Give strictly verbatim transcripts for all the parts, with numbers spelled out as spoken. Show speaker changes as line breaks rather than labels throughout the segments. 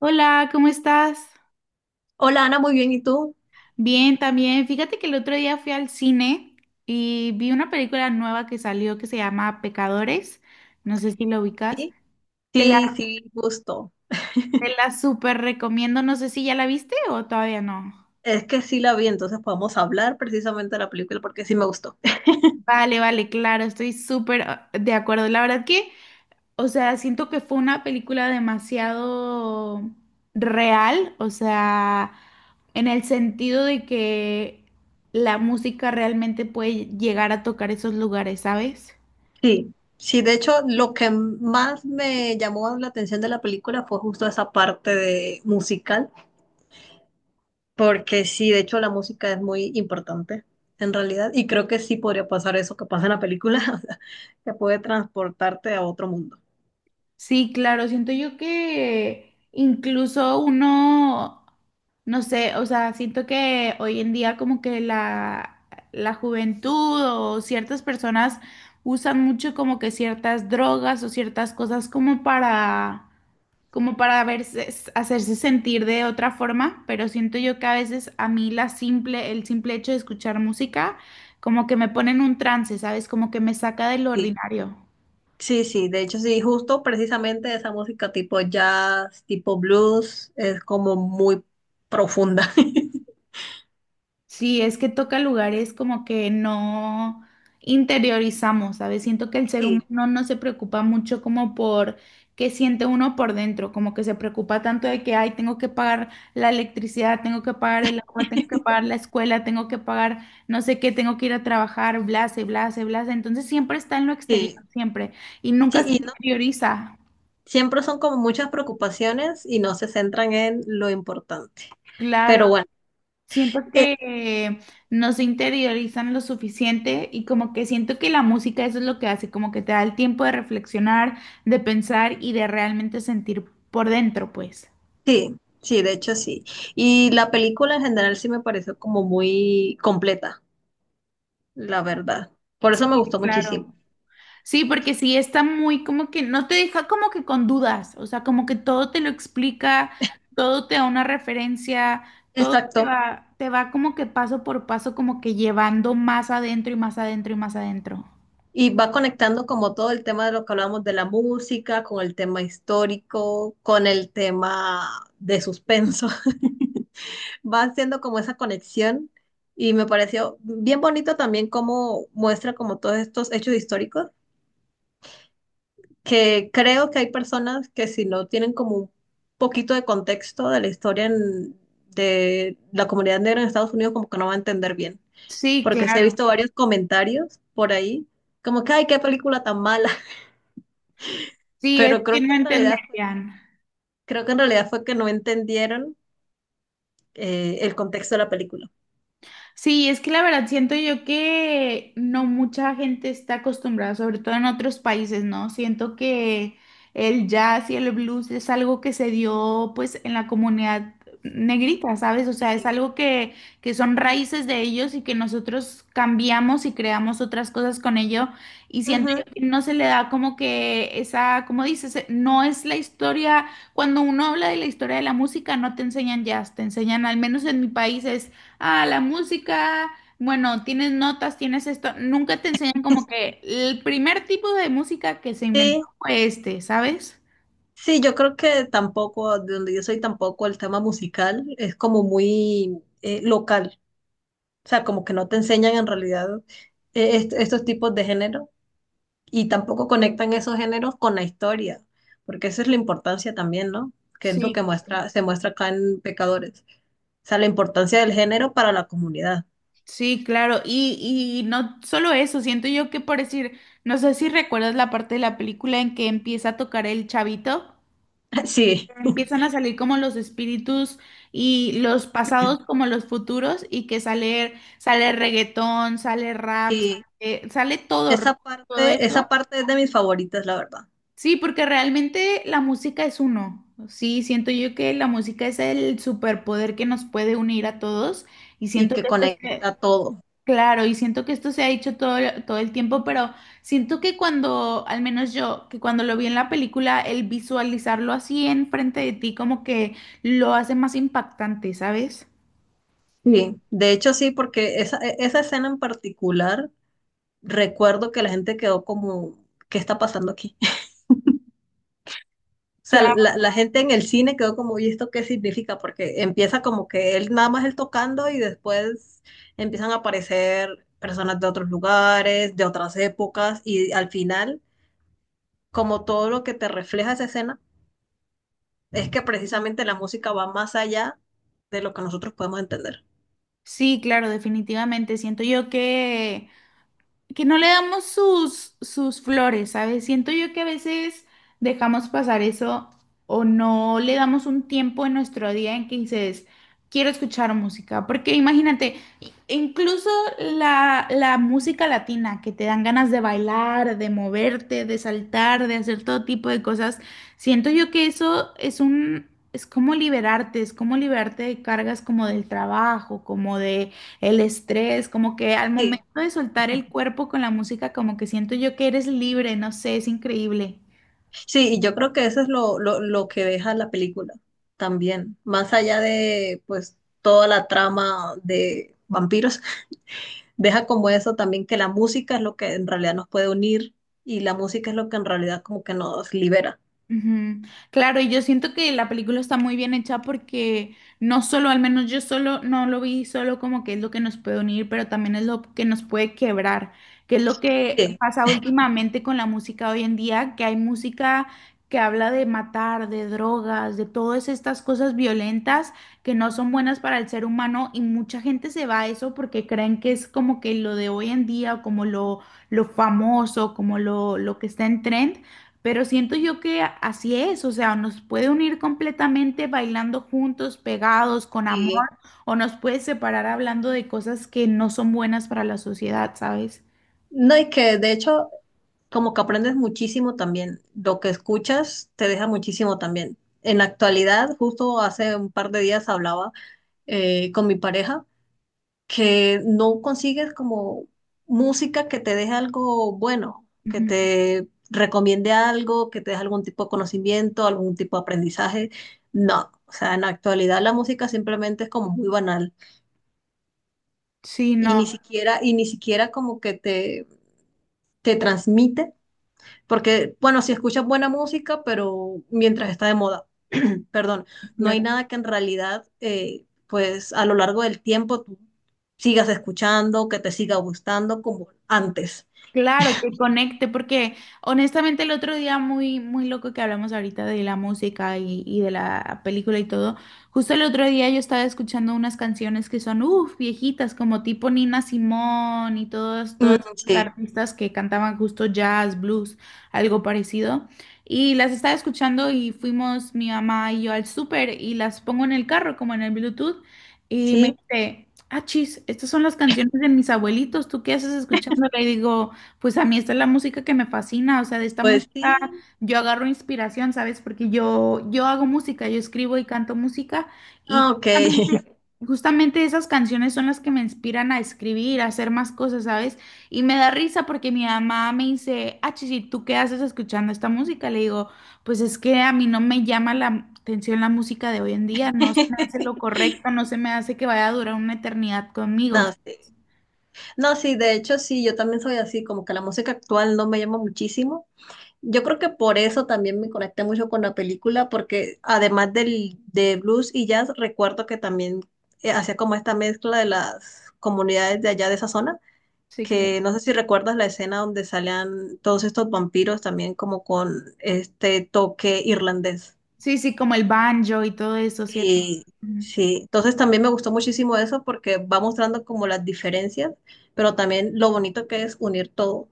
Hola, ¿cómo estás?
Hola Ana, muy bien, ¿y tú?
Bien, también. Fíjate que el otro día fui al cine y vi una película nueva que salió que se llama Pecadores. No sé si lo ubicas.
¿Sí?
Te la,
Sí, sí, gusto.
te la súper recomiendo. No sé si ya la viste o todavía no.
Es que sí la vi, entonces podemos hablar precisamente de la película porque sí me gustó.
Vale, vale, claro, estoy súper ah, de acuerdo. La verdad que O sea, siento que fue una película demasiado real, o sea, en el sentido de que la música realmente puede llegar a tocar esos lugares, ¿sabes?
Sí, sí, de hecho, lo que más me llamó la atención de la película fue justo esa parte de musical, porque sí, de hecho, la música es muy importante en realidad, y creo que sí podría pasar eso que pasa en la película, o sea, que puede transportarte a otro mundo.
Sí, claro, siento yo que incluso uno, no sé, o sea, siento que hoy en día como que la, la juventud o ciertas personas usan mucho como que ciertas drogas o ciertas cosas como para como para verse, hacerse sentir de otra forma, pero siento yo que a veces a mí la simple, el simple hecho de escuchar música, como que me pone en un trance, ¿sabes? Como que me saca del ordinario.
Sí, sí, de hecho sí, justo precisamente esa música tipo jazz, tipo blues, es como muy profunda.
Sí, es que toca lugares como que no interiorizamos, ¿sabes? Siento que el ser
Sí,
humano no se preocupa mucho como por qué siente uno por dentro, como que se preocupa tanto de que, ay, tengo que pagar la electricidad, tengo que pagar el agua, tengo que pagar la escuela, tengo que pagar no sé qué, tengo que ir a trabajar, blase, blase, blase. Entonces siempre está en lo exterior,
sí,
siempre, y nunca se
sí, y no,
interioriza.
siempre son como muchas preocupaciones y no se centran en lo importante. Pero
Claro.
bueno,
Siento
eh,
que eh, no se interiorizan lo suficiente y como que siento que la música eso es lo que hace, como que te da el tiempo de reflexionar, de pensar y de realmente sentir por dentro, pues.
sí, sí, de hecho sí. Y la película en general sí me pareció como muy completa, la verdad. Por eso me
Sí,
gustó
claro.
muchísimo.
Sí, porque sí está muy como que no te deja como que con dudas, o sea, como que todo te lo explica, todo te da una referencia, todo te
Exacto.
va, te va como que paso por paso, como que llevando más adentro y más adentro y más adentro.
Y va conectando como todo el tema de lo que hablamos de la música, con el tema histórico, con el tema de suspenso. Va haciendo como esa conexión y me pareció bien bonito también cómo muestra como todos estos hechos históricos, que creo que hay personas que si no tienen como un poquito de contexto de la historia en- de la comunidad negra en Estados Unidos, como que no va a entender bien.
Sí,
Porque sí he
claro.
visto varios comentarios por ahí, como que, ay, qué película tan mala.
Sí, es
Pero
que
creo que
no
en realidad fue,
entenderían.
creo que en realidad fue que no entendieron eh, el contexto de la película.
Sí, es que la verdad siento yo que no mucha gente está acostumbrada, sobre todo en otros países, ¿no? Siento que el jazz y el blues es algo que se dio pues en la comunidad negrita, ¿sabes? O sea, es
Sí.
algo que, que son raíces de ellos y que nosotros cambiamos y creamos otras cosas con ello. Y siento
Ujú.
yo que no se le da como que esa, como dices, eh, no es la historia, cuando uno habla de la historia de la música, no te enseñan jazz, te enseñan, al menos en mi país, es ah, la música, bueno, tienes notas, tienes esto, nunca te enseñan como que el primer tipo de música que se inventó
Sí,
fue este, ¿sabes?
sí, yo creo que tampoco, de donde yo soy tampoco, el tema musical es como muy eh, local. O sea, como que no te enseñan en realidad eh, est- estos tipos de género y tampoco conectan esos géneros con la historia, porque esa es la importancia también, ¿no? Que es lo
Sí,
que muestra, se muestra acá en Pecadores. O sea, la importancia del género para la comunidad.
sí, claro, y, y no solo eso, siento yo que por decir, no sé si recuerdas la parte de la película en que empieza a tocar el chavito,
Sí.
empiezan a salir como los espíritus y los pasados como los futuros y que sale, sale reggaetón, sale rap,
Sí.
sale, sale todo,
Esa
todo
parte,
eso.
esa parte es de mis favoritas, la verdad,
Sí, porque realmente la música es uno. Sí, siento yo que la música es el superpoder que nos puede unir a todos y
y
siento
que
que esto se,
conecta todo.
claro, y siento que esto se ha hecho todo, todo el tiempo, pero siento que cuando, al menos yo, que cuando lo vi en la película, el visualizarlo así enfrente de ti como que lo hace más impactante, ¿sabes?
Sí, de hecho sí, porque esa, e- esa escena en particular, recuerdo que la gente quedó como, ¿qué está pasando aquí? O sea,
Claro.
la, la gente en el cine quedó como, ¿y esto qué significa? Porque empieza como que él nada más él tocando y después empiezan a aparecer personas de otros lugares, de otras épocas, y al final, como todo lo que te refleja esa escena, es que precisamente la música va más allá de lo que nosotros podemos entender.
Sí, claro, definitivamente. Siento yo que que no le damos sus, sus flores, ¿sabes? Siento yo que a veces dejamos pasar eso o no le damos un tiempo en nuestro día en que dices, quiero escuchar música, porque imagínate, i- incluso la, la música latina, que te dan ganas de bailar, de moverte, de saltar, de hacer todo tipo de cosas, siento yo que eso es un. Es como liberarte, es como liberarte de cargas como del trabajo, como de, el estrés, como que al
Sí,
momento de soltar el cuerpo con la música, como que siento yo que eres libre, no sé, es increíble.
sí, y yo creo que eso es lo, lo, lo que deja la película también, más allá de pues toda la trama de vampiros, deja como eso también que la música es lo que en realidad nos puede unir y la música es lo que en realidad como que nos libera.
Ujú. Claro, y yo siento que la película está muy bien hecha porque no solo, al menos yo solo no lo vi solo como que es lo que nos puede unir, pero también es lo que nos puede quebrar, que es lo que
Sí,
pasa últimamente con la música hoy en día, que hay música que habla de matar, de drogas, de todas estas cosas violentas que no son buenas para el ser humano y mucha gente se va a eso porque creen que es como que lo de hoy en día, como lo, lo famoso, como lo, lo que está en trend. Pero siento yo que así es, o sea, nos puede unir completamente bailando juntos, pegados, con amor,
sí.
o nos puede separar hablando de cosas que no son buenas para la sociedad, ¿sabes?
No, y que de hecho como que aprendes muchísimo también, lo que escuchas te deja muchísimo también. En la actualidad, justo hace un par de días hablaba eh, con mi pareja, que no consigues como música que te deje algo bueno, que
Ujú.
te recomiende algo, que te deje algún tipo de conocimiento, algún tipo de aprendizaje. No, o sea, en la actualidad la música simplemente es como muy banal
Sí,
y
no,
ni siquiera, y ni siquiera como que te, te transmite, porque bueno, si escuchas buena música, pero mientras está de moda. Perdón, no hay
claro.
nada que en realidad, eh, pues a lo largo del tiempo tú sigas escuchando, que te siga gustando como antes.
Claro, que conecte, porque honestamente el otro día muy, muy loco que hablamos ahorita de la música y, y de la película y todo, justo el otro día yo estaba escuchando unas canciones que son, uff, viejitas, como tipo Nina Simón y todos,
Mm,
todas estas
sí,
artistas que cantaban justo jazz, blues, algo parecido. Y las estaba escuchando y fuimos mi mamá y yo al súper y las pongo en el carro, como en el Bluetooth, y me
sí,
dice: Ah, chis, estas son las canciones de mis abuelitos, ¿tú qué haces escuchándola? Y digo, pues a mí esta es la música que me fascina, o sea, de esta
pues
música
sí.
yo agarro inspiración, ¿sabes? Porque yo, yo hago música, yo escribo y canto música y
Ah, ok.
justamente, justamente esas canciones son las que me inspiran a escribir, a hacer más cosas, ¿sabes? Y me da risa porque mi mamá me dice, ah, Chichi, ¿tú qué haces escuchando esta música? Le digo, pues es que a mí no me llama la atención la música de hoy en día, no se me hace lo correcto, no se me hace que vaya a durar una eternidad conmigo.
No, sí. No, sí, de hecho sí, yo también soy así, como que la música actual no me llama muchísimo. Yo creo que por eso también me conecté mucho con la película, porque además del, de blues y jazz, recuerdo que también eh, hacía como esta mezcla de las comunidades de allá de esa zona.
Sí, claro.
Que no sé si recuerdas la escena donde salían todos estos vampiros también como con este toque irlandés.
Sí, sí, como el banjo y todo eso, ¿cierto?
Sí,
Ujú.
sí. Entonces también me gustó muchísimo eso porque va mostrando como las diferencias, pero también lo bonito que es unir todo.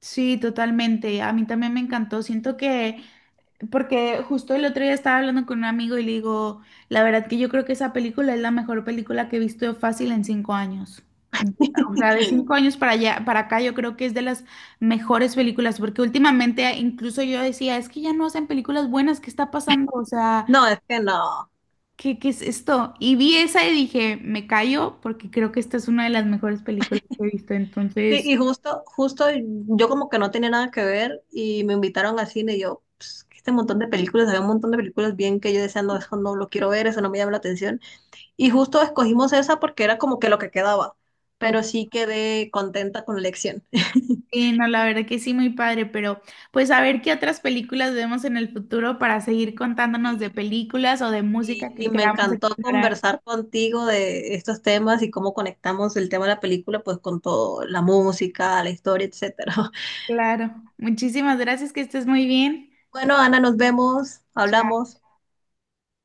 Sí, totalmente. A mí también me encantó. Siento que, porque justo el otro día estaba hablando con un amigo y le digo, la verdad que yo creo que esa película es la mejor película que he visto fácil en cinco años. De- O sea, de cinco años para allá, para acá, yo creo que es de las mejores películas, porque últimamente incluso yo decía, es que ya no hacen películas buenas, ¿qué está pasando? O sea,
No, es que no.
¿Qué, qué es esto? Y vi esa y dije, me callo porque creo que esta es una de las mejores películas que he visto.
Sí,
Entonces,
y justo, justo yo como que no tenía nada que ver y me invitaron al cine y yo, "Ps, este montón de películas, había un montón de películas bien que yo decía, no, eso no lo quiero ver, eso no me llama la atención. Y justo escogimos esa porque era como que lo que quedaba,
ok,
pero sí quedé contenta con la elección.
no, la verdad que sí, muy padre, pero pues a ver qué otras películas vemos en el futuro para seguir contándonos de películas o de
Y,
música
y
que
me
queramos
encantó
explorar.
conversar contigo de estos temas y cómo conectamos el tema de la película, pues con todo, la música, la historia, etcétera.
Claro. Muchísimas gracias, que estés muy bien.
Bueno, Ana, nos vemos,
Chao.
hablamos.